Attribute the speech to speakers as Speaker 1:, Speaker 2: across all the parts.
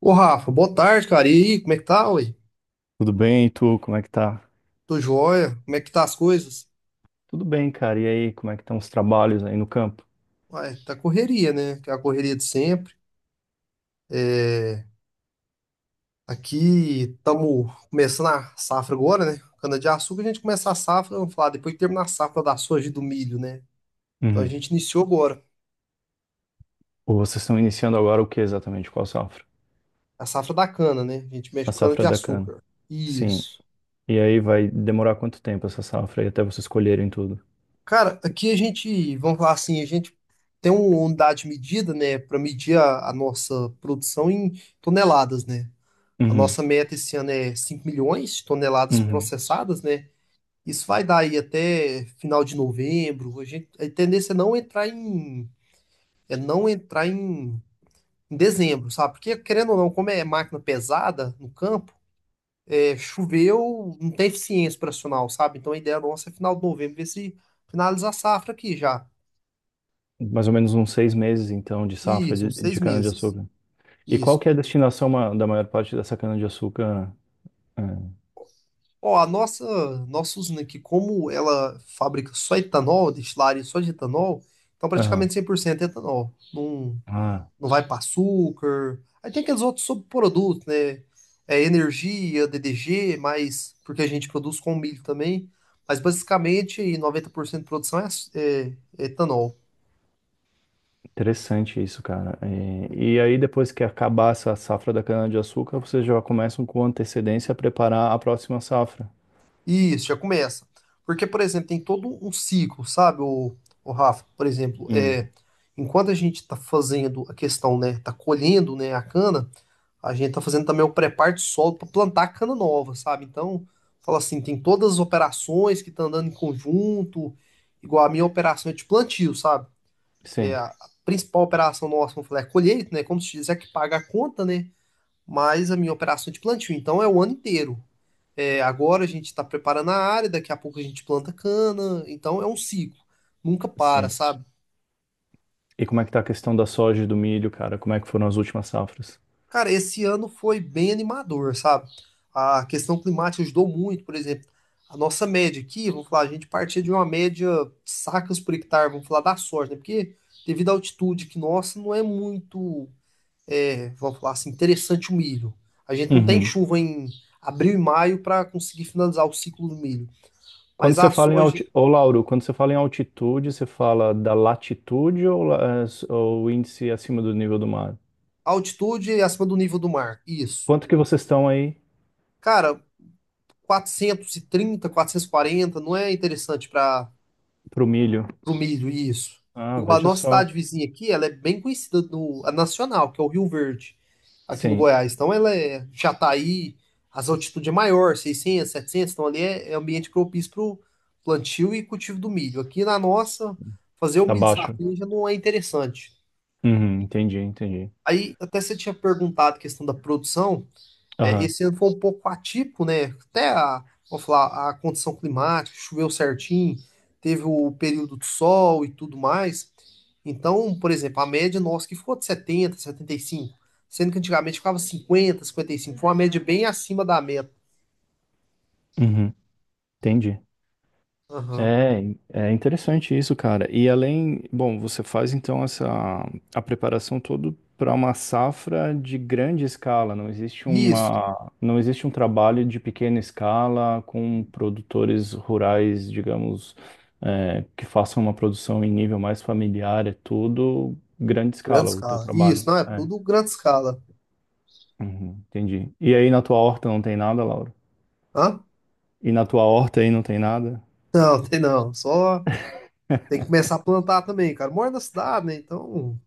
Speaker 1: Ô Rafa, boa tarde, cara. E aí, como é que tá, ué?
Speaker 2: Tudo bem, e tu? Como é que tá?
Speaker 1: Tô joia. Como é que tá as coisas?
Speaker 2: Tudo bem, cara. E aí, como é que estão os trabalhos aí no campo?
Speaker 1: Ué, tá correria, né? Que é a correria de sempre. É... Aqui estamos começando a safra agora, né? Cana-de-açúcar, a gente começa a safra, vamos falar, depois que terminar a safra da soja e do milho, né? Então a
Speaker 2: Uhum.
Speaker 1: gente iniciou agora
Speaker 2: Ou vocês estão iniciando agora o que exatamente? Qual safra?
Speaker 1: a safra da cana, né? A gente mexe
Speaker 2: A
Speaker 1: com
Speaker 2: safra da cana.
Speaker 1: cana-de-açúcar.
Speaker 2: Sim.
Speaker 1: Isso.
Speaker 2: E aí vai demorar quanto tempo essa safra aí até vocês colherem tudo?
Speaker 1: Cara, aqui a gente, vamos falar assim, a gente tem uma unidade de medida, né? Para medir a nossa produção em toneladas, né? A
Speaker 2: Uhum.
Speaker 1: nossa meta esse ano é 5 milhões de toneladas
Speaker 2: Uhum.
Speaker 1: processadas, né? Isso vai dar aí até final de novembro. A gente, a tendência é não entrar em, é não entrar em, em dezembro, sabe? Porque, querendo ou não, como é máquina pesada no campo, é, choveu, não tem eficiência operacional, sabe? Então a ideia nossa é final de novembro, ver se finaliza a safra aqui já.
Speaker 2: Mais ou menos uns seis meses, então, de safra
Speaker 1: Isso,
Speaker 2: de,
Speaker 1: uns seis
Speaker 2: de
Speaker 1: meses.
Speaker 2: cana-de-açúcar. E qual
Speaker 1: Isso.
Speaker 2: que é a destinação da maior parte dessa cana-de-açúcar? Ah.
Speaker 1: Ó, a nossa usina aqui, como ela fabrica só etanol, destilaria só de etanol, então
Speaker 2: Aham.
Speaker 1: praticamente 100% é etanol. Não,
Speaker 2: Ah.
Speaker 1: não vai para açúcar. Aí tem aqueles outros subprodutos, né? É energia, DDG, mas porque a gente produz com milho também. Mas basicamente 90% de produção é etanol.
Speaker 2: Interessante isso, cara. E aí, depois que acabar essa safra da cana-de-açúcar, vocês já começam com antecedência a preparar a próxima safra.
Speaker 1: Isso, já começa. Porque, por exemplo, tem todo um ciclo, sabe, o Rafa? Por exemplo,
Speaker 2: Hum.
Speaker 1: é, enquanto a gente está fazendo a questão, né, tá colhendo, né, a cana, a gente tá fazendo também o preparo de solo para plantar a cana nova, sabe? Então, fala assim, tem todas as operações que estão andando em conjunto, igual a minha operação é de plantio, sabe? É,
Speaker 2: Sim,
Speaker 1: a principal operação nossa, vamos falar, é a colheita, né? Como se diz, é que paga a conta, né? Mas a minha operação é de plantio, então é o ano inteiro. É, agora a gente está preparando a área, daqui a pouco a gente planta cana, então é um ciclo, nunca para,
Speaker 2: sim.
Speaker 1: sabe?
Speaker 2: E como é que tá a questão da soja e do milho, cara? Como é que foram as últimas safras?
Speaker 1: Cara, esse ano foi bem animador, sabe? A questão climática ajudou muito, por exemplo, a nossa média aqui, vamos falar, a gente partia de uma média de sacas por hectare, vamos falar da soja, né? Porque devido à altitude que nossa, não é muito, é, vamos falar assim, interessante o milho. A gente não tem
Speaker 2: Uhum.
Speaker 1: chuva em abril e maio para conseguir finalizar o ciclo do milho,
Speaker 2: Quando
Speaker 1: mas
Speaker 2: você
Speaker 1: a
Speaker 2: fala em
Speaker 1: soja.
Speaker 2: altitude, ô Lauro, quando você fala em altitude, você fala da latitude ou, ou índice acima do nível do mar?
Speaker 1: Altitude acima do nível do mar. Isso.
Speaker 2: Quanto que vocês estão aí
Speaker 1: Cara, 400, 430, 440 não é interessante para
Speaker 2: pro milho?
Speaker 1: o milho. Isso.
Speaker 2: Ah,
Speaker 1: Igual a
Speaker 2: veja
Speaker 1: nossa
Speaker 2: só.
Speaker 1: cidade vizinha aqui, ela é bem conhecida no a nacional, que é o Rio Verde, aqui no
Speaker 2: Sim,
Speaker 1: Goiás. Então ela é Jataí, as altitudes é maior, 600, 700 então ali é ambiente propício para o plantio e cultivo do milho. Aqui na nossa, fazer o
Speaker 2: tá
Speaker 1: milho
Speaker 2: baixo.
Speaker 1: safrinha já não é interessante.
Speaker 2: Uhum, entendi, entendi.
Speaker 1: Aí até você tinha perguntado a questão da produção. É,
Speaker 2: Aham.
Speaker 1: esse ano foi um pouco atípico, né? Até a, vamos falar, a condição climática, choveu certinho, teve o período do sol e tudo mais. Então, por exemplo, a média nossa que ficou de 70, 75, sendo que antigamente ficava 50, 55, foi uma média bem acima da meta.
Speaker 2: Uhum. Entendi.
Speaker 1: Aham.
Speaker 2: É, é interessante isso, cara. E além, bom, você faz então essa a preparação toda para uma safra de grande escala.
Speaker 1: Isso,
Speaker 2: Não existe um trabalho de pequena escala com produtores rurais, digamos, é, que façam uma produção em nível mais familiar. É tudo grande
Speaker 1: grande
Speaker 2: escala o teu
Speaker 1: escala. Isso,
Speaker 2: trabalho.
Speaker 1: não, é
Speaker 2: É.
Speaker 1: tudo grande escala.
Speaker 2: Uhum, entendi. E aí na tua horta não tem nada, Laura?
Speaker 1: Hã?
Speaker 2: E na tua horta aí não tem nada?
Speaker 1: Não, tem não. Só tem que começar a plantar também, cara. Moro na cidade, né? Então,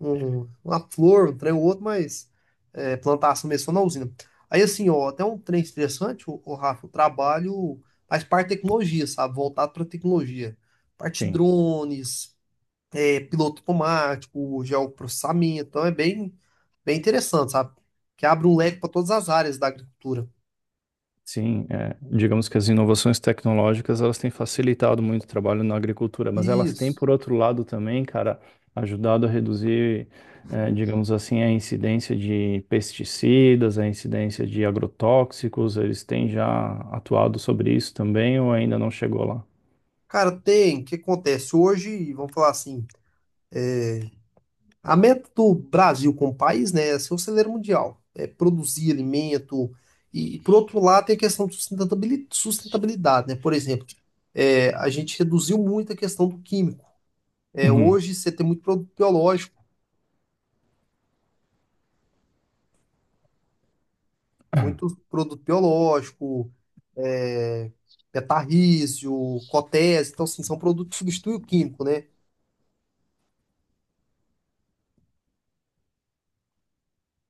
Speaker 1: uma flor, um trem ou outro, mas é, plantação mesmo só na usina. Aí assim, ó, até um trem interessante, o, Rafa, o trabalho faz parte de tecnologia, sabe? Voltado para tecnologia. Parte de drones, é, piloto automático, geoprocessamento, então é bem, bem interessante, sabe? Que abre um leque para todas as áreas da agricultura.
Speaker 2: Sim, é, digamos que as inovações tecnológicas elas têm facilitado muito o trabalho na agricultura, mas elas têm,
Speaker 1: Isso.
Speaker 2: por outro lado, também, cara, ajudado a reduzir, digamos assim, a incidência de pesticidas, a incidência de agrotóxicos. Eles têm já atuado sobre isso também ou ainda não chegou lá?
Speaker 1: Cara, tem, o que acontece? Hoje, vamos falar assim, a meta do Brasil como país, né, é ser o celeiro mundial, é produzir alimento. E, por outro lado, tem a questão de sustentabilidade, sustentabilidade, né? Por exemplo, é, a gente reduziu muito a questão do químico. É,
Speaker 2: Uhum.
Speaker 1: hoje você tem muito produto biológico, é, betarrísio, cotese, então assim, são produtos que substituem o químico, né?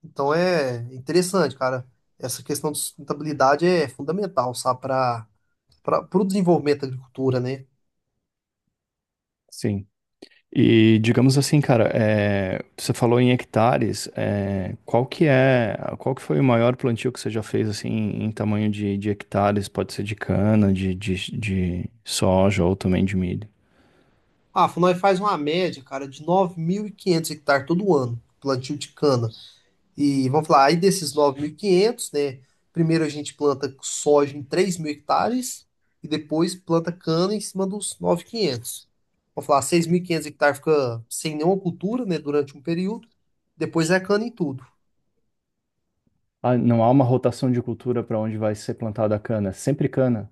Speaker 1: Então é interessante, cara. Essa questão de sustentabilidade é fundamental, sabe, para o desenvolvimento da agricultura, né?
Speaker 2: Sim. E digamos assim, cara, é, você falou em hectares, é, qual que foi o maior plantio que você já fez assim em tamanho de hectares? Pode ser de cana, de soja ou também de milho.
Speaker 1: Ah, nós faz uma média, cara, de 9.500 hectares todo ano, plantio de cana. E vamos falar, aí desses 9.500, né? Primeiro a gente planta soja em 3.000 hectares e depois planta cana em cima dos 9.500. Vamos falar, 6.500 hectares fica sem nenhuma cultura, né, durante um período. Depois é cana em tudo.
Speaker 2: Ah, não há uma rotação de cultura para onde vai ser plantada a cana, é sempre cana.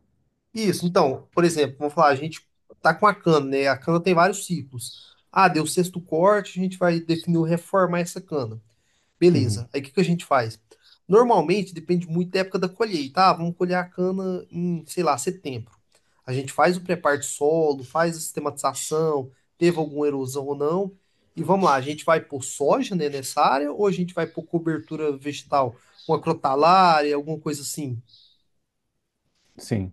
Speaker 1: Isso, então, por exemplo, vamos falar, a gente tá com a cana, né? A cana tem vários ciclos. Ah, deu o sexto corte, a gente vai definir o reformar essa cana.
Speaker 2: Uhum.
Speaker 1: Beleza. Aí o que que a gente faz? Normalmente depende muito da época da colheita. Ah, vamos colher a cana em, sei lá, setembro. A gente faz o preparo de solo, faz a sistematização, teve alguma erosão ou não. E vamos lá, a gente vai por soja, né, nessa área ou a gente vai por cobertura vegetal, uma crotalária, alguma coisa assim?
Speaker 2: Sim,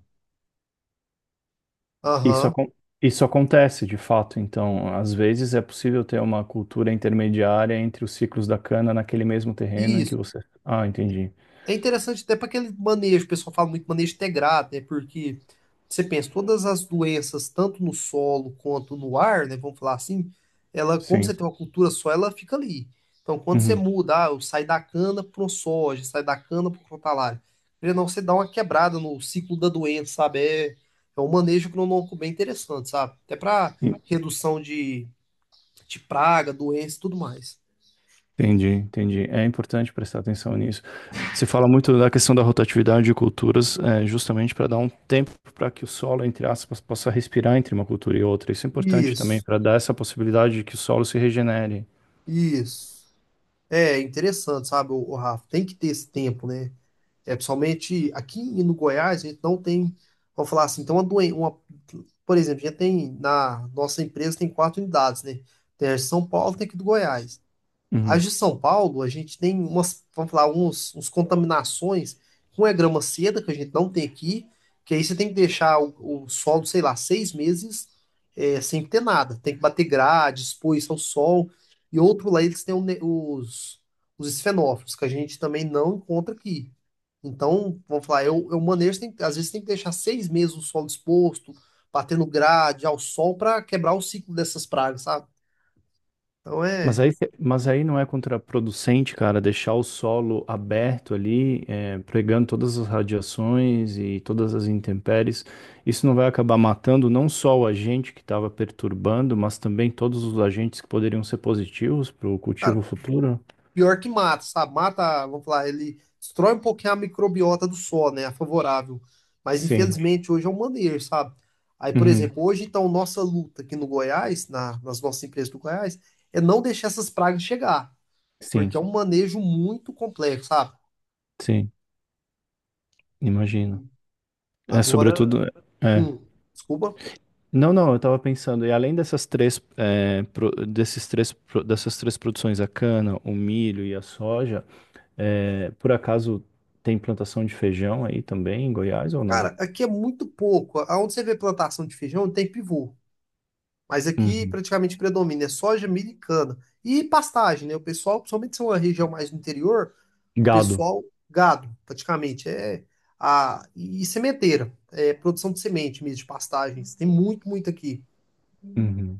Speaker 2: isso,
Speaker 1: Aham.
Speaker 2: isso acontece de fato. Então, às vezes é possível ter uma cultura intermediária entre os ciclos da cana naquele mesmo terreno em que
Speaker 1: Isso.
Speaker 2: você. Ah, entendi.
Speaker 1: É interessante até para aquele manejo, o pessoal fala muito manejo integrado, né? Porque você pensa, todas as doenças, tanto no solo quanto no ar, né? Vamos falar assim, ela, como você
Speaker 2: Sim.
Speaker 1: tem uma cultura só, ela fica ali. Então, quando você
Speaker 2: Uhum.
Speaker 1: muda, ah, eu saio da cana pro soja, saio da cana pro crotalária, querendo ou não, você dá uma quebrada no ciclo da doença, sabe? É um manejo agronômico bem interessante, sabe? Até para redução de praga, doença e tudo mais.
Speaker 2: Entendi, entendi. É importante prestar atenção nisso. Se fala muito da questão da rotatividade de culturas, é, justamente para dar um tempo para que o solo, entre aspas, possa respirar entre uma cultura e outra. Isso é importante também
Speaker 1: Isso,
Speaker 2: para dar essa possibilidade de que o solo se regenere.
Speaker 1: isso. É interessante, sabe, o, Rafa? Tem que ter esse tempo, né? É, principalmente aqui no Goiás, a gente não tem, vamos falar assim, então uma doença, uma, por exemplo, a gente tem na nossa empresa tem quatro unidades, né? Tem a de São Paulo, tem aqui do Goiás. As de São Paulo, a gente tem umas, vamos falar, uns contaminações com a grama seda, que a gente não tem aqui, que aí você tem que deixar o solo, sei lá, 6 meses sem ter nada. Tem que bater grade, expor isso ao sol. E outro lá, eles têm os esfenófilos, que a gente também não encontra aqui. Então, vamos falar, eu manejo, tem, às vezes tem que deixar 6 meses o solo exposto, batendo grade ao sol para quebrar o ciclo dessas pragas, sabe? Então
Speaker 2: Mas
Speaker 1: é.
Speaker 2: aí, mas aí não é contraproducente, cara, deixar o solo aberto ali, é, pregando todas as radiações e todas as intempéries. Isso não vai acabar matando não só o agente que estava perturbando, mas também todos os agentes que poderiam ser positivos para o
Speaker 1: Cara,
Speaker 2: cultivo futuro?
Speaker 1: pior que mata, sabe? Mata, vamos falar, ele destrói um pouquinho a microbiota do solo, né? A favorável. Mas
Speaker 2: Sim.
Speaker 1: infelizmente hoje é um maneiro, sabe? Aí, por
Speaker 2: Uhum.
Speaker 1: exemplo, hoje então nossa luta aqui no Goiás, nas nossas empresas do Goiás, é não deixar essas pragas chegar,
Speaker 2: Sim,
Speaker 1: porque é um manejo muito complexo, sabe?
Speaker 2: sim, imagino. É,
Speaker 1: Agora,
Speaker 2: sobretudo, é.
Speaker 1: hum, desculpa.
Speaker 2: Não, não, eu estava pensando, e além dessas três, é, dessas três produções, a cana, o milho e a soja. É, por acaso tem plantação de feijão aí também em Goiás ou não?
Speaker 1: Cara, aqui é muito pouco. Aonde você vê plantação de feijão, tem pivô. Mas aqui
Speaker 2: Uhum.
Speaker 1: praticamente predomina é soja, milho e cana. E pastagem, né? O pessoal, principalmente se é uma região mais do interior, o
Speaker 2: Gado.
Speaker 1: pessoal, gado, praticamente. É a, e sementeira, é produção de semente mesmo, de pastagens. Tem muito, muito aqui.
Speaker 2: Uhum.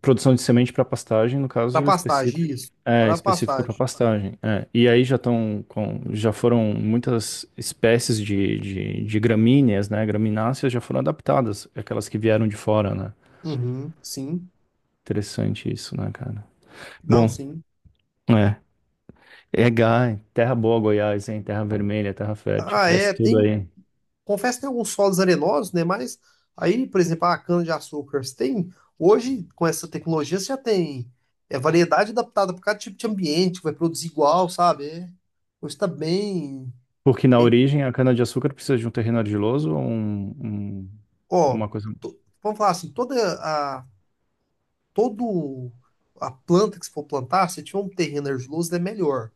Speaker 2: Produção de semente para pastagem, no
Speaker 1: Para
Speaker 2: caso
Speaker 1: pastagem,
Speaker 2: específico.
Speaker 1: isso.
Speaker 2: É,
Speaker 1: Para
Speaker 2: específico para
Speaker 1: pastagem.
Speaker 2: pastagem. É. E aí já estão com, já foram muitas espécies de gramíneas, né? Gramináceas já foram adaptadas, aquelas que vieram de fora, né?
Speaker 1: Uhum, sim.
Speaker 2: Interessante isso, né, cara?
Speaker 1: Não,
Speaker 2: Bom,
Speaker 1: sim.
Speaker 2: é. É, Gai, terra boa, Goiás, hein? Terra vermelha, terra fértil,
Speaker 1: Ah,
Speaker 2: cresce
Speaker 1: é,
Speaker 2: tudo
Speaker 1: tem.
Speaker 2: aí.
Speaker 1: Confesso que tem alguns solos arenosos, né? Mas aí, por exemplo, a cana-de-açúcar, você tem, hoje, com essa tecnologia, você já tem é, variedade adaptada para cada tipo de ambiente, que vai produzir igual, sabe? É, hoje está bem,
Speaker 2: Porque na
Speaker 1: bem-
Speaker 2: origem a cana-de-açúcar precisa de um terreno argiloso ou
Speaker 1: Ó,
Speaker 2: uma coisa.
Speaker 1: vamos falar assim, a, todo a planta que você for plantar, se tiver um terreno argiloso, é melhor.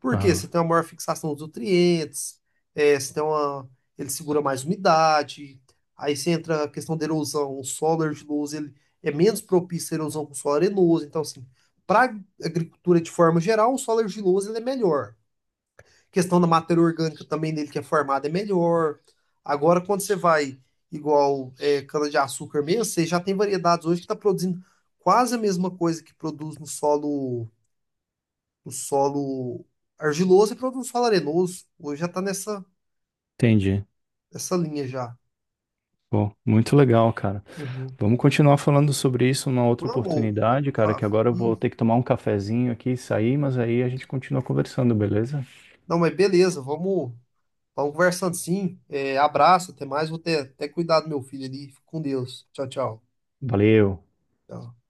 Speaker 1: Por quê?
Speaker 2: Aham,
Speaker 1: Você tem uma maior fixação dos nutrientes, é, você tem uma, ele segura mais umidade, aí você entra a questão da erosão, o solo argiloso, ele é menos propício à erosão que o solo arenoso, então assim, para agricultura de forma geral, o solo argiloso ele é melhor. Questão da matéria orgânica também dele que é formada é melhor. Agora, quando você vai igual é, cana-de-açúcar mesmo, você já tem variedades hoje que está produzindo quase a mesma coisa que produz no solo o solo argiloso e para um solo arenoso. Hoje já tá nessa,
Speaker 2: entendi.
Speaker 1: nessa linha já.
Speaker 2: Pô, muito legal, cara.
Speaker 1: Uhum.
Speaker 2: Vamos continuar falando sobre isso numa outra
Speaker 1: Vamos, ô,
Speaker 2: oportunidade,
Speaker 1: ô,
Speaker 2: cara, que
Speaker 1: Rafa.
Speaker 2: agora eu vou
Speaker 1: Isso.
Speaker 2: ter que tomar um cafezinho aqui e sair, mas aí a gente continua conversando, beleza?
Speaker 1: Não, mas beleza, vamos, vamos conversando sim. É, abraço, até mais. Vou ter até cuidado do meu filho ali. Fica com Deus. Tchau, tchau.
Speaker 2: Valeu.
Speaker 1: Tchau.